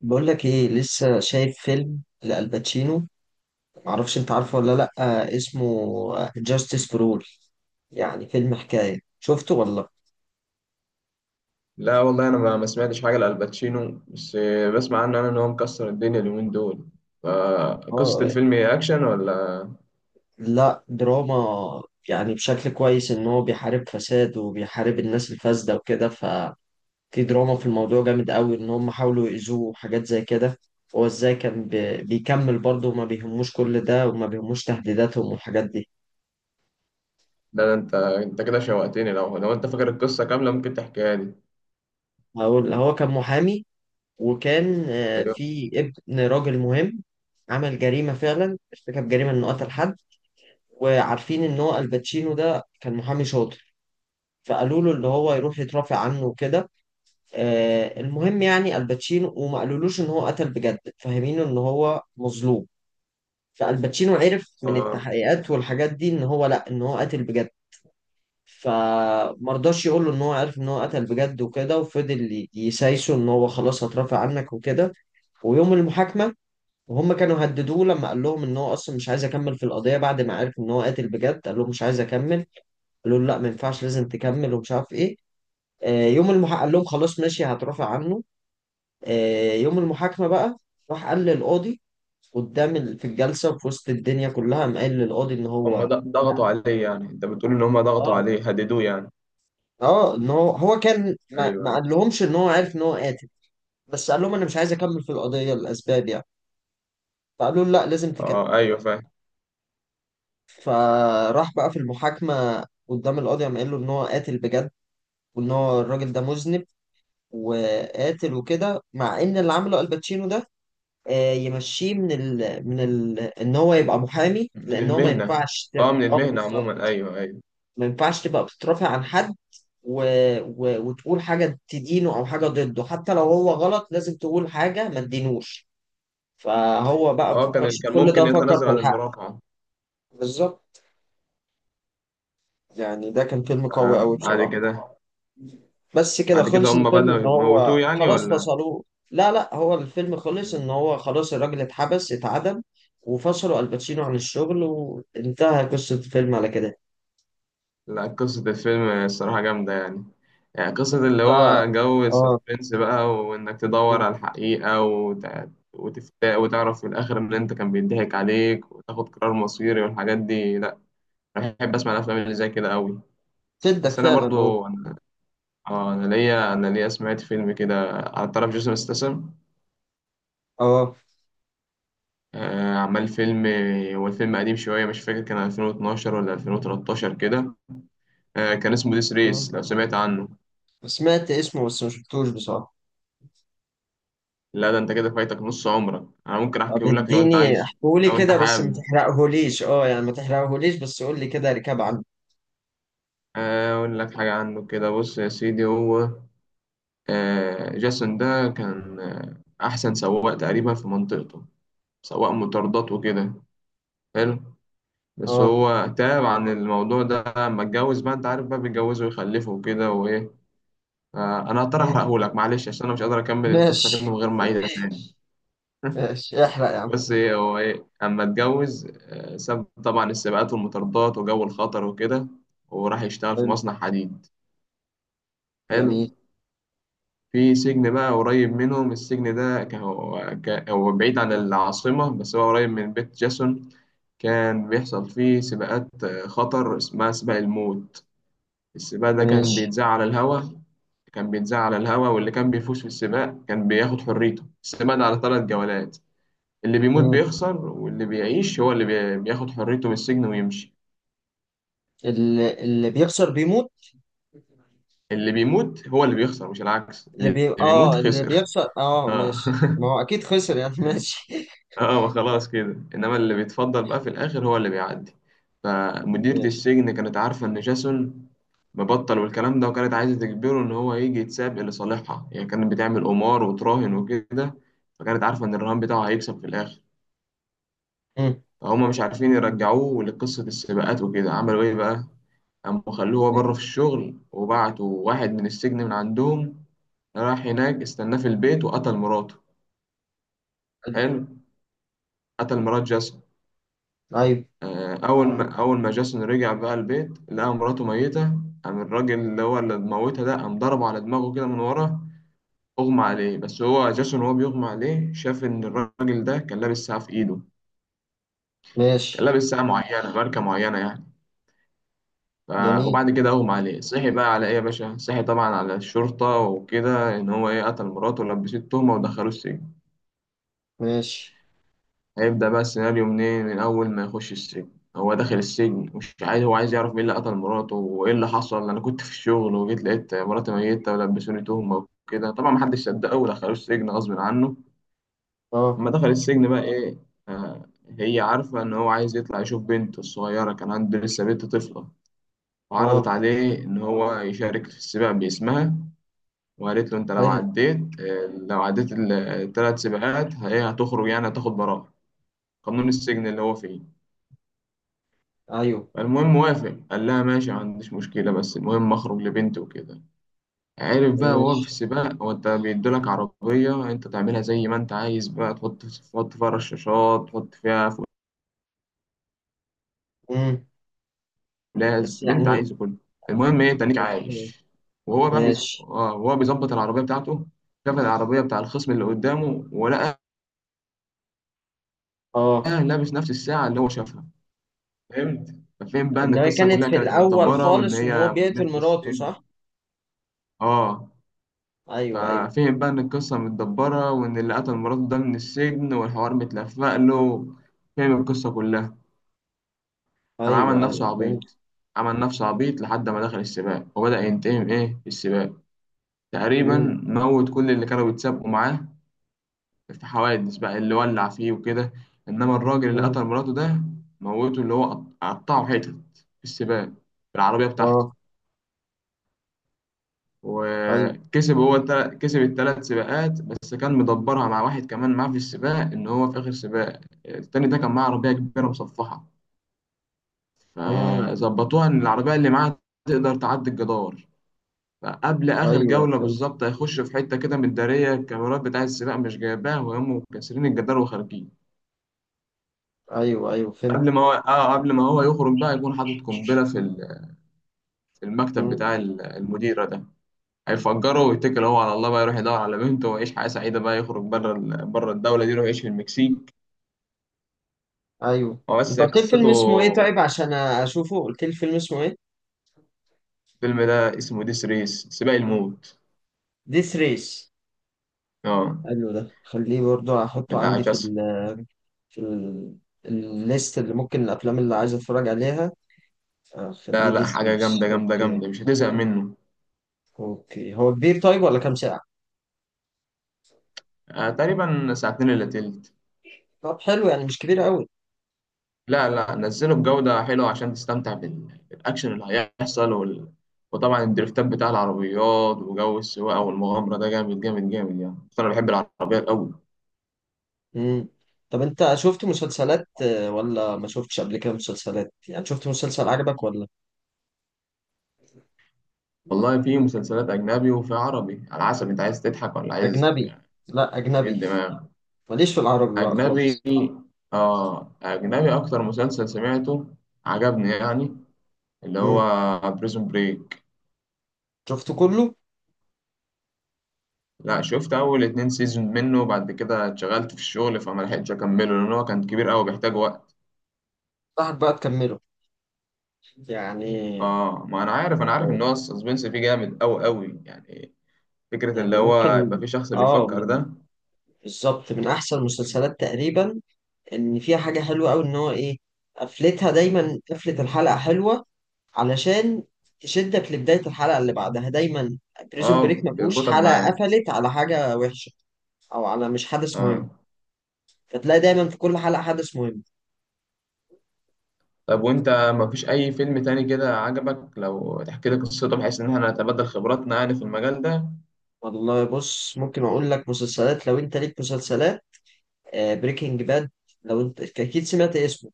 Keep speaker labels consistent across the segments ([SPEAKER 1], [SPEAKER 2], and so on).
[SPEAKER 1] بقول لك ايه، لسه شايف فيلم لألباتشينو. معرفش انت عارفه ولا لا. اسمه جاستس فور اول، يعني فيلم حكاية شفته ولا لأ؟
[SPEAKER 2] لا والله انا ما سمعتش حاجه لالباتشينو بس بسمع عنه انا ان هو مكسر الدنيا اليومين دول. فقصه
[SPEAKER 1] اه.
[SPEAKER 2] الفيلم هي اكشن ولا لا؟
[SPEAKER 1] لا، دراما. يعني بشكل كويس ان هو بيحارب فساد وبيحارب الناس الفاسدة وكده، ففي دراما في الموضوع جامد قوي ان هم حاولوا يأذوه وحاجات زي كده. هو ازاي كان بيكمل برضه وما بيهموش كل ده وما بيهموش تهديداتهم والحاجات دي.
[SPEAKER 2] ده انت كده شوقتني، لو انت فاكر القصه كامله ممكن تحكيها لي.
[SPEAKER 1] هقول، هو كان محامي، وكان
[SPEAKER 2] ايوه.
[SPEAKER 1] في ابن راجل مهم عمل جريمة، فعلا ارتكب جريمة إنه قتل حد. وعارفين إن هو الباتشينو ده كان محامي شاطر، فقالوا له اللي هو يروح يترافع عنه وكده. المهم، يعني الباتشينو وما قالولوش إن هو قتل بجد، فاهمينه إن هو مظلوم. فالباتشينو عرف من
[SPEAKER 2] آه.
[SPEAKER 1] التحقيقات والحاجات دي إن هو لأ، إن هو قتل بجد. فمرضاش يقول له إن هو عرف إن هو قتل بجد وكده، وفضل يسايسه إن هو خلاص هترافع عنك وكده. ويوم المحاكمة، وهم كانوا هددوه لما قال لهم ان هو اصلا مش عايز يكمل في القضيه بعد ما عرف ان هو قاتل بجد، قال لهم مش عايز اكمل. قالوا له لا، ما ينفعش، لازم تكمل، ومش عارف ايه. يوم المحاكمه قال لهم خلاص ماشي، هترافع عنه. يوم المحاكمه بقى راح قال للقاضي، قدام في الجلسه وفي وسط الدنيا كلها قام قال للقاضي ان
[SPEAKER 2] هم
[SPEAKER 1] هو. لا.
[SPEAKER 2] ضغطوا عليه يعني؟ انت بتقول ان هم ضغطوا
[SPEAKER 1] اه.
[SPEAKER 2] عليه هددوه يعني.
[SPEAKER 1] اه، ان هو هو كان
[SPEAKER 2] ايوه
[SPEAKER 1] ما
[SPEAKER 2] ايوه.
[SPEAKER 1] قال لهمش ان هو عارف ان هو قاتل، بس قال لهم انا مش عايز اكمل في القضيه، الاسباب يعني. فقالوا له لا، لازم تكمل.
[SPEAKER 2] اه ايوه فاهم.
[SPEAKER 1] فراح بقى في المحاكمة قدام القاضي، قام قال له إن هو قاتل بجد وإن هو الراجل ده مذنب وقاتل وكده، مع إن اللي عمله الباتشينو ده يمشيه من ال إن هو يبقى محامي،
[SPEAKER 2] من
[SPEAKER 1] لأن هو ما
[SPEAKER 2] المهنه.
[SPEAKER 1] ينفعش
[SPEAKER 2] اه من
[SPEAKER 1] آه
[SPEAKER 2] المهنه
[SPEAKER 1] بالظبط،
[SPEAKER 2] عموما، ايوه ايوه.
[SPEAKER 1] ما ينفعش تبقى بتترافع عن حد و... وتقول حاجة تدينه أو حاجة ضده، حتى لو هو غلط لازم تقول حاجة ما تدينوش. فهو بقى ما
[SPEAKER 2] اه
[SPEAKER 1] فكرش
[SPEAKER 2] كان
[SPEAKER 1] في
[SPEAKER 2] كان
[SPEAKER 1] كل
[SPEAKER 2] ممكن
[SPEAKER 1] ده، فكر
[SPEAKER 2] يتنازل
[SPEAKER 1] في
[SPEAKER 2] عن
[SPEAKER 1] الحق.
[SPEAKER 2] المرافعه.
[SPEAKER 1] بالظبط. يعني ده كان فيلم قوي
[SPEAKER 2] آه
[SPEAKER 1] قوي
[SPEAKER 2] بعد
[SPEAKER 1] بصراحة.
[SPEAKER 2] كده.
[SPEAKER 1] بس كده
[SPEAKER 2] بعد كده
[SPEAKER 1] خلص
[SPEAKER 2] هم
[SPEAKER 1] الفيلم،
[SPEAKER 2] بدأوا
[SPEAKER 1] ان هو
[SPEAKER 2] يموتوه يعني
[SPEAKER 1] خلاص
[SPEAKER 2] ولا؟
[SPEAKER 1] فصلوه. لا لا، هو الفيلم خلص ان هو خلاص الراجل اتحبس، اتعدم، وفصلوا الباتشينو عن الشغل، وانتهى قصة الفيلم على كده.
[SPEAKER 2] لا، قصة الفيلم الصراحة جامدة يعني. يعني قصة اللي
[SPEAKER 1] انت.
[SPEAKER 2] هو جو
[SPEAKER 1] اه.
[SPEAKER 2] السسبنس بقى، وإنك تدور على الحقيقة وتفتاء وتعرف في الآخر إن أنت كان بيضحك عليك وتاخد قرار مصيري والحاجات دي، لأ. أنا بحب أسمع الأفلام اللي زي كده أوي.
[SPEAKER 1] تدك
[SPEAKER 2] بس أنا
[SPEAKER 1] فعلا، اه.
[SPEAKER 2] برضو أنا، أنا ليا سمعت فيلم كده على طرف جيسون ستاثام.
[SPEAKER 1] اه.
[SPEAKER 2] عمل فيلم. هو الفيلم قديم شوية، مش فاكر كان 2012 ولا 2013 كده. كان اسمه ديس
[SPEAKER 1] مم.
[SPEAKER 2] ريس، لو سمعت عنه.
[SPEAKER 1] سمعت اسمه بس ما شفتوش بصراحة.
[SPEAKER 2] لا ده انت كده فايتك نص عمرك، انا ممكن احكيه
[SPEAKER 1] طب
[SPEAKER 2] لك لو انت
[SPEAKER 1] اديني
[SPEAKER 2] عايزه.
[SPEAKER 1] احكولي
[SPEAKER 2] لو انت
[SPEAKER 1] كده، بس ما
[SPEAKER 2] حابب.
[SPEAKER 1] تحرقهوليش، اه، يعني ما تحرقهوليش، بس قول لي كده ركاب عنه.
[SPEAKER 2] اقول لك حاجه عنه كده. بص يا سيدي، هو جاسون ده كان احسن سواق تقريبا في منطقته. سواق مطاردات وكده. حلو. بس
[SPEAKER 1] اه.
[SPEAKER 2] هو تاب عن الموضوع ده لما اتجوز، بقى انت عارف بقى بيتجوزوا ويخلفوا وكده وايه. انا هضطر
[SPEAKER 1] مم.
[SPEAKER 2] احرقه لك معلش عشان انا مش قادر اكمل القصه كده من
[SPEAKER 1] ماشي.
[SPEAKER 2] غير ما اعيدها تاني.
[SPEAKER 1] ماشي، احرق يا عم.
[SPEAKER 2] بص ايه هو ايه اما اتجوز، ساب طبعا السباقات والمطاردات وجو الخطر وكده، وراح يشتغل في
[SPEAKER 1] حلو.
[SPEAKER 2] مصنع حديد. حلو.
[SPEAKER 1] جميل.
[SPEAKER 2] في سجن بقى قريب منهم. السجن ده كان هو بعيد عن العاصمة بس هو قريب من بيت جاسون. كان بيحصل فيه سباقات خطر اسمها سباق الموت. السباق ده كان
[SPEAKER 1] ماشي.
[SPEAKER 2] بيتذاع على الهوا. كان بيتذاع على الهوا، واللي كان بيفوز في السباق كان بياخد حريته. السباق ده على 3 جولات. اللي بيموت
[SPEAKER 1] مم.
[SPEAKER 2] بيخسر، واللي بيعيش هو اللي بياخد حريته من السجن ويمشي.
[SPEAKER 1] اللي بيخسر بيموت.
[SPEAKER 2] اللي بيموت هو اللي بيخسر، مش العكس، اللي بيموت
[SPEAKER 1] اه، اللي
[SPEAKER 2] خسر.
[SPEAKER 1] بيخسر، اه
[SPEAKER 2] اه
[SPEAKER 1] ماشي، ما هو اكيد خسر يعني. ماشي.
[SPEAKER 2] اه ما خلاص كده، انما اللي بيتفضل بقى في الاخر هو اللي بيعدي. فمديرة
[SPEAKER 1] ماشي.
[SPEAKER 2] السجن كانت عارفة ان جاسون مبطل والكلام ده، وكانت عايزة تجبره ان هو يجي يتسابق لصالحها. يعني كانت بتعمل قمار وتراهن وكده، فكانت عارفة ان الرهان بتاعه هيكسب في الاخر.
[SPEAKER 1] مم.
[SPEAKER 2] فهم مش عارفين يرجعوه لقصة السباقات وكده، عملوا إيه بقى؟ قاموا خلوه هو بره في الشغل، وبعتوا واحد من السجن من عندهم، راح هناك استناه في البيت وقتل مراته. حلو. قتل مرات جاسون.
[SPEAKER 1] ايوه.
[SPEAKER 2] أول ما جاسون رجع بقى البيت لقى مراته ميتة. قام الراجل اللي هو اللي موتها ده قام ضربه على دماغه كده من ورا. أغمى عليه، بس هو جاسون وهو بيغمى عليه شاف إن الراجل ده كان لابس ساعة في إيده. كان
[SPEAKER 1] ماشي.
[SPEAKER 2] لابس ساعة معينة، ماركة معينة يعني. ف-
[SPEAKER 1] جميل.
[SPEAKER 2] وبعد كده اغمى عليه، صحي بقى على ايه يا باشا؟ صحي طبعا على الشرطة وكده ان هو ايه قتل مراته، ولبسته التهمة ودخله السجن.
[SPEAKER 1] ماشي.
[SPEAKER 2] هيبدأ بقى السيناريو منين؟ من اول ما يخش السجن. هو داخل السجن مش عايز، هو عايز يعرف مين اللي قتل مراته وايه اللي حصل. انا كنت في الشغل وجيت لقيت مراتي ميتة ولبسوني تهمة وكده، طبعا محدش صدقه ودخلوه السجن غصب عنه.
[SPEAKER 1] اه.
[SPEAKER 2] اما دخل السجن بقى ايه. آه. هي عارفة ان هو عايز يطلع يشوف بنته الصغيرة، كان عنده لسه بنت طفلة. وعرضت
[SPEAKER 1] اه.
[SPEAKER 2] عليه إن هو يشارك في السباق باسمها. وقالت له انت لو
[SPEAKER 1] حلو.
[SPEAKER 2] عديت لو عديت ال3 سباقات هي هتخرج، يعني هتاخد براءة. قانون السجن اللي هو فيه.
[SPEAKER 1] ايوه.
[SPEAKER 2] فالمهم وافق، قال لها ماشي ما عنديش مشكلة، بس المهم اخرج لبنتي وكده. عارف بقى وهو في
[SPEAKER 1] ماشي.
[SPEAKER 2] السباق، هو انت بيدولك عربية انت تعملها زي ما انت عايز بقى، تحط فيها رشاشات، تحط فيها
[SPEAKER 1] مم.
[SPEAKER 2] فولاذ
[SPEAKER 1] بس
[SPEAKER 2] اللي انت
[SPEAKER 1] يعني.
[SPEAKER 2] عايزه كله. المهم ايه تنيك
[SPEAKER 1] اوكي.
[SPEAKER 2] عايش. وهو بقى
[SPEAKER 1] ماشي.
[SPEAKER 2] اه وهو بيظبط العربية بتاعته، شاف العربية بتاع الخصم اللي قدامه ولقى
[SPEAKER 1] اه.
[SPEAKER 2] لابس نفس الساعة اللي هو شافها. فهمت؟ ففهم بقى ان
[SPEAKER 1] اللي هي
[SPEAKER 2] القصه
[SPEAKER 1] كانت
[SPEAKER 2] كلها
[SPEAKER 1] في
[SPEAKER 2] كانت
[SPEAKER 1] الاول
[SPEAKER 2] متدبره، وان
[SPEAKER 1] خالص، وان هو
[SPEAKER 2] هي
[SPEAKER 1] بيقتل
[SPEAKER 2] مديره
[SPEAKER 1] مراته،
[SPEAKER 2] السجن.
[SPEAKER 1] صح.
[SPEAKER 2] اه.
[SPEAKER 1] ايوه ايوه.
[SPEAKER 2] ففهم بقى ان القصه متدبره، وان اللي قتل مراته ده من السجن والحوار متلفق له. فهم القصه كلها. قام عمل
[SPEAKER 1] ايوه ايوه
[SPEAKER 2] نفسه
[SPEAKER 1] فهمت.
[SPEAKER 2] عبيط. عمل نفسه عبيط لحد ما دخل السباق، وبدأ ينتهم ايه السباق تقريبا.
[SPEAKER 1] مم.
[SPEAKER 2] موت كل اللي كانوا بيتسابقوا معاه في حوادث بقى، اللي ولع فيه وكده. انما الراجل اللي
[SPEAKER 1] مم.
[SPEAKER 2] قتل مراته ده، موته اللي هو قطعه حتت في السباق بالعربيه بتاعته.
[SPEAKER 1] اه. ايوه.
[SPEAKER 2] وكسب هو كسب ال3 سباقات. بس كان مدبرها مع واحد كمان معاه في السباق، ان هو في اخر سباق التاني ده كان معاه عربيه كبيره مصفحه.
[SPEAKER 1] مم.
[SPEAKER 2] فظبطوها ان العربيه اللي معاه تقدر تعدي الجدار. فقبل اخر
[SPEAKER 1] ايوه
[SPEAKER 2] جوله
[SPEAKER 1] فهمت.
[SPEAKER 2] بالظبط هيخش في حته كده مداريه، الكاميرات بتاع السباق مش جايباها وهم كاسرين الجدار وخارجين.
[SPEAKER 1] ايوه ايوه فهمت.
[SPEAKER 2] قبل ما هو يخرج بقى يكون حاطط قنبله في في المكتب
[SPEAKER 1] مم.
[SPEAKER 2] بتاع المديره ده. هيفجره ويتكل هو على الله بقى، يروح يدور على بنته ويعيش حياة سعيدة بقى، يخرج بره بره الدولة دي يروح يعيش في المكسيك.
[SPEAKER 1] ايوه.
[SPEAKER 2] هو
[SPEAKER 1] انت
[SPEAKER 2] بس هي
[SPEAKER 1] قلت لي فيلم
[SPEAKER 2] قصته.
[SPEAKER 1] اسمه ايه، طيب عشان اشوفه قلت لي فيلم اسمه ايه؟
[SPEAKER 2] الفيلم ده اسمه ديس ريس، سباق الموت.
[SPEAKER 1] ديس ريس.
[SPEAKER 2] اه
[SPEAKER 1] حلو، ده خليه برضو احطه
[SPEAKER 2] بتاع
[SPEAKER 1] عندي في
[SPEAKER 2] جاس.
[SPEAKER 1] ال، في ال، الليست اللي ممكن، الافلام اللي عايز اتفرج عليها،
[SPEAKER 2] لا
[SPEAKER 1] اخليه
[SPEAKER 2] لا،
[SPEAKER 1] ديس
[SPEAKER 2] حاجة
[SPEAKER 1] ريس.
[SPEAKER 2] جامدة جامدة
[SPEAKER 1] اوكي.
[SPEAKER 2] جامدة مش هتزهق منه.
[SPEAKER 1] اوكي، هو كبير طيب ولا كام ساعة؟
[SPEAKER 2] آه تقريبا ساعتين إلا تلت.
[SPEAKER 1] طب حلو، يعني مش كبير قوي.
[SPEAKER 2] لا لا، نزله بجودة حلوة عشان تستمتع بالأكشن اللي هيحصل وطبعا الدريفتات بتاع العربيات وجو السواقة والمغامرة ده جامد جامد جامد يعني، أصل أنا بحب العربيات أوي.
[SPEAKER 1] امم. طب انت شفت مسلسلات ولا ما شفتش قبل كده مسلسلات، يعني شفت مسلسل عجبك ولا؟
[SPEAKER 2] والله في مسلسلات أجنبي وفي عربي، على حسب أنت عايز تضحك ولا عايز
[SPEAKER 1] اجنبي. لا
[SPEAKER 2] إيه
[SPEAKER 1] اجنبي،
[SPEAKER 2] الدماغ.
[SPEAKER 1] ماليش في العربي بقى
[SPEAKER 2] أجنبي.
[SPEAKER 1] خالص.
[SPEAKER 2] آه أجنبي. أكتر مسلسل سمعته عجبني يعني، اللي
[SPEAKER 1] امم.
[SPEAKER 2] هو بريزون بريك.
[SPEAKER 1] شفته كله.
[SPEAKER 2] لا، شفت أول 2 سيزون منه وبعد كده اتشغلت في الشغل فما لحقتش أكمله، لأن هو كان كبير أوي بيحتاج وقت.
[SPEAKER 1] صاحب بقى تكمله يعني
[SPEAKER 2] آه ما أنا عارف إن هو السسبنس فيه جامد أوي أوي يعني. فكرة اللي
[SPEAKER 1] يعني
[SPEAKER 2] هو يبقى
[SPEAKER 1] ممكن،
[SPEAKER 2] في شخص
[SPEAKER 1] اه
[SPEAKER 2] بيفكر
[SPEAKER 1] من،
[SPEAKER 2] ده.
[SPEAKER 1] بالظبط من احسن المسلسلات تقريبا. ان فيها حاجه حلوه قوي ان هو ايه، قفلتها دايما، قفله الحلقه حلوه علشان تشدك لبدايه الحلقه اللي بعدها دايما. بريزون
[SPEAKER 2] آه
[SPEAKER 1] بريك ما فيهوش
[SPEAKER 2] بيربطك
[SPEAKER 1] حلقه
[SPEAKER 2] معاه.
[SPEAKER 1] قفلت على حاجه وحشه او على مش حدث مهم،
[SPEAKER 2] آه.
[SPEAKER 1] فتلاقي دايما في كل حلقه حدث مهم.
[SPEAKER 2] طب وانت مفيش اي فيلم تاني كده عجبك؟ لو تحكي لي قصته بحيث ان احنا نتبادل خبراتنا يعني في المجال ده.
[SPEAKER 1] والله بص، ممكن اقول لك مسلسلات لو انت ليك مسلسلات. بريكنج باد، لو انت اكيد سمعت اسمه،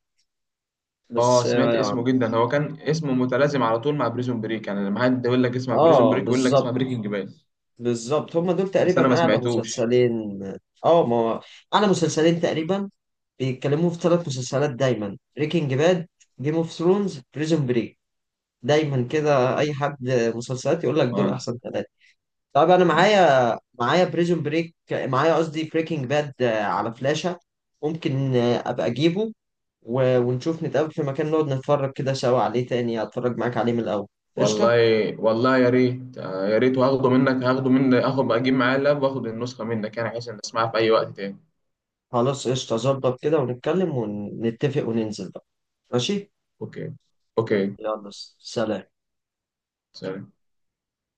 [SPEAKER 2] اه
[SPEAKER 1] بس
[SPEAKER 2] سمعت
[SPEAKER 1] اه.
[SPEAKER 2] اسمه جدا، هو كان اسمه متلازم على طول مع بريزون بريك يعني، لما حد يقول لك اسمع بريزون بريك يقول لك
[SPEAKER 1] بالظبط.
[SPEAKER 2] اسمع بريكنج باد.
[SPEAKER 1] بالظبط هما دول
[SPEAKER 2] بس انا
[SPEAKER 1] تقريبا
[SPEAKER 2] ما
[SPEAKER 1] اعلى
[SPEAKER 2] سمعتوش.
[SPEAKER 1] مسلسلين. اه، ما هو اعلى مسلسلين تقريبا، بيتكلموا في ثلاث مسلسلات دايما، بريكنج باد، جيم اوف ثرونز، بريزون بريك، دايما كده اي حد مسلسلات يقول لك دول
[SPEAKER 2] اه.
[SPEAKER 1] احسن ثلاثه. طب انا معايا بريزون بريك، معايا قصدي بريكنج باد على فلاشة. ممكن ابقى اجيبه ونشوف، نتقابل في مكان نقعد نتفرج كده سوا عليه تاني، اتفرج معاك عليه من الاول.
[SPEAKER 2] والله
[SPEAKER 1] قشطة.
[SPEAKER 2] والله يا ريت، يا ريت. وهاخده منك هاخده مني، اخد اجيب معايا اللاب واخد النسخة منك، يعني بحيث ان اسمعها في اي وقت تاني.
[SPEAKER 1] خلاص قشطة، ظبط كده، ونتكلم ونتفق وننزل بقى. ماشي.
[SPEAKER 2] اوكي. اوكي.
[SPEAKER 1] يلا. سلام.
[SPEAKER 2] سلام.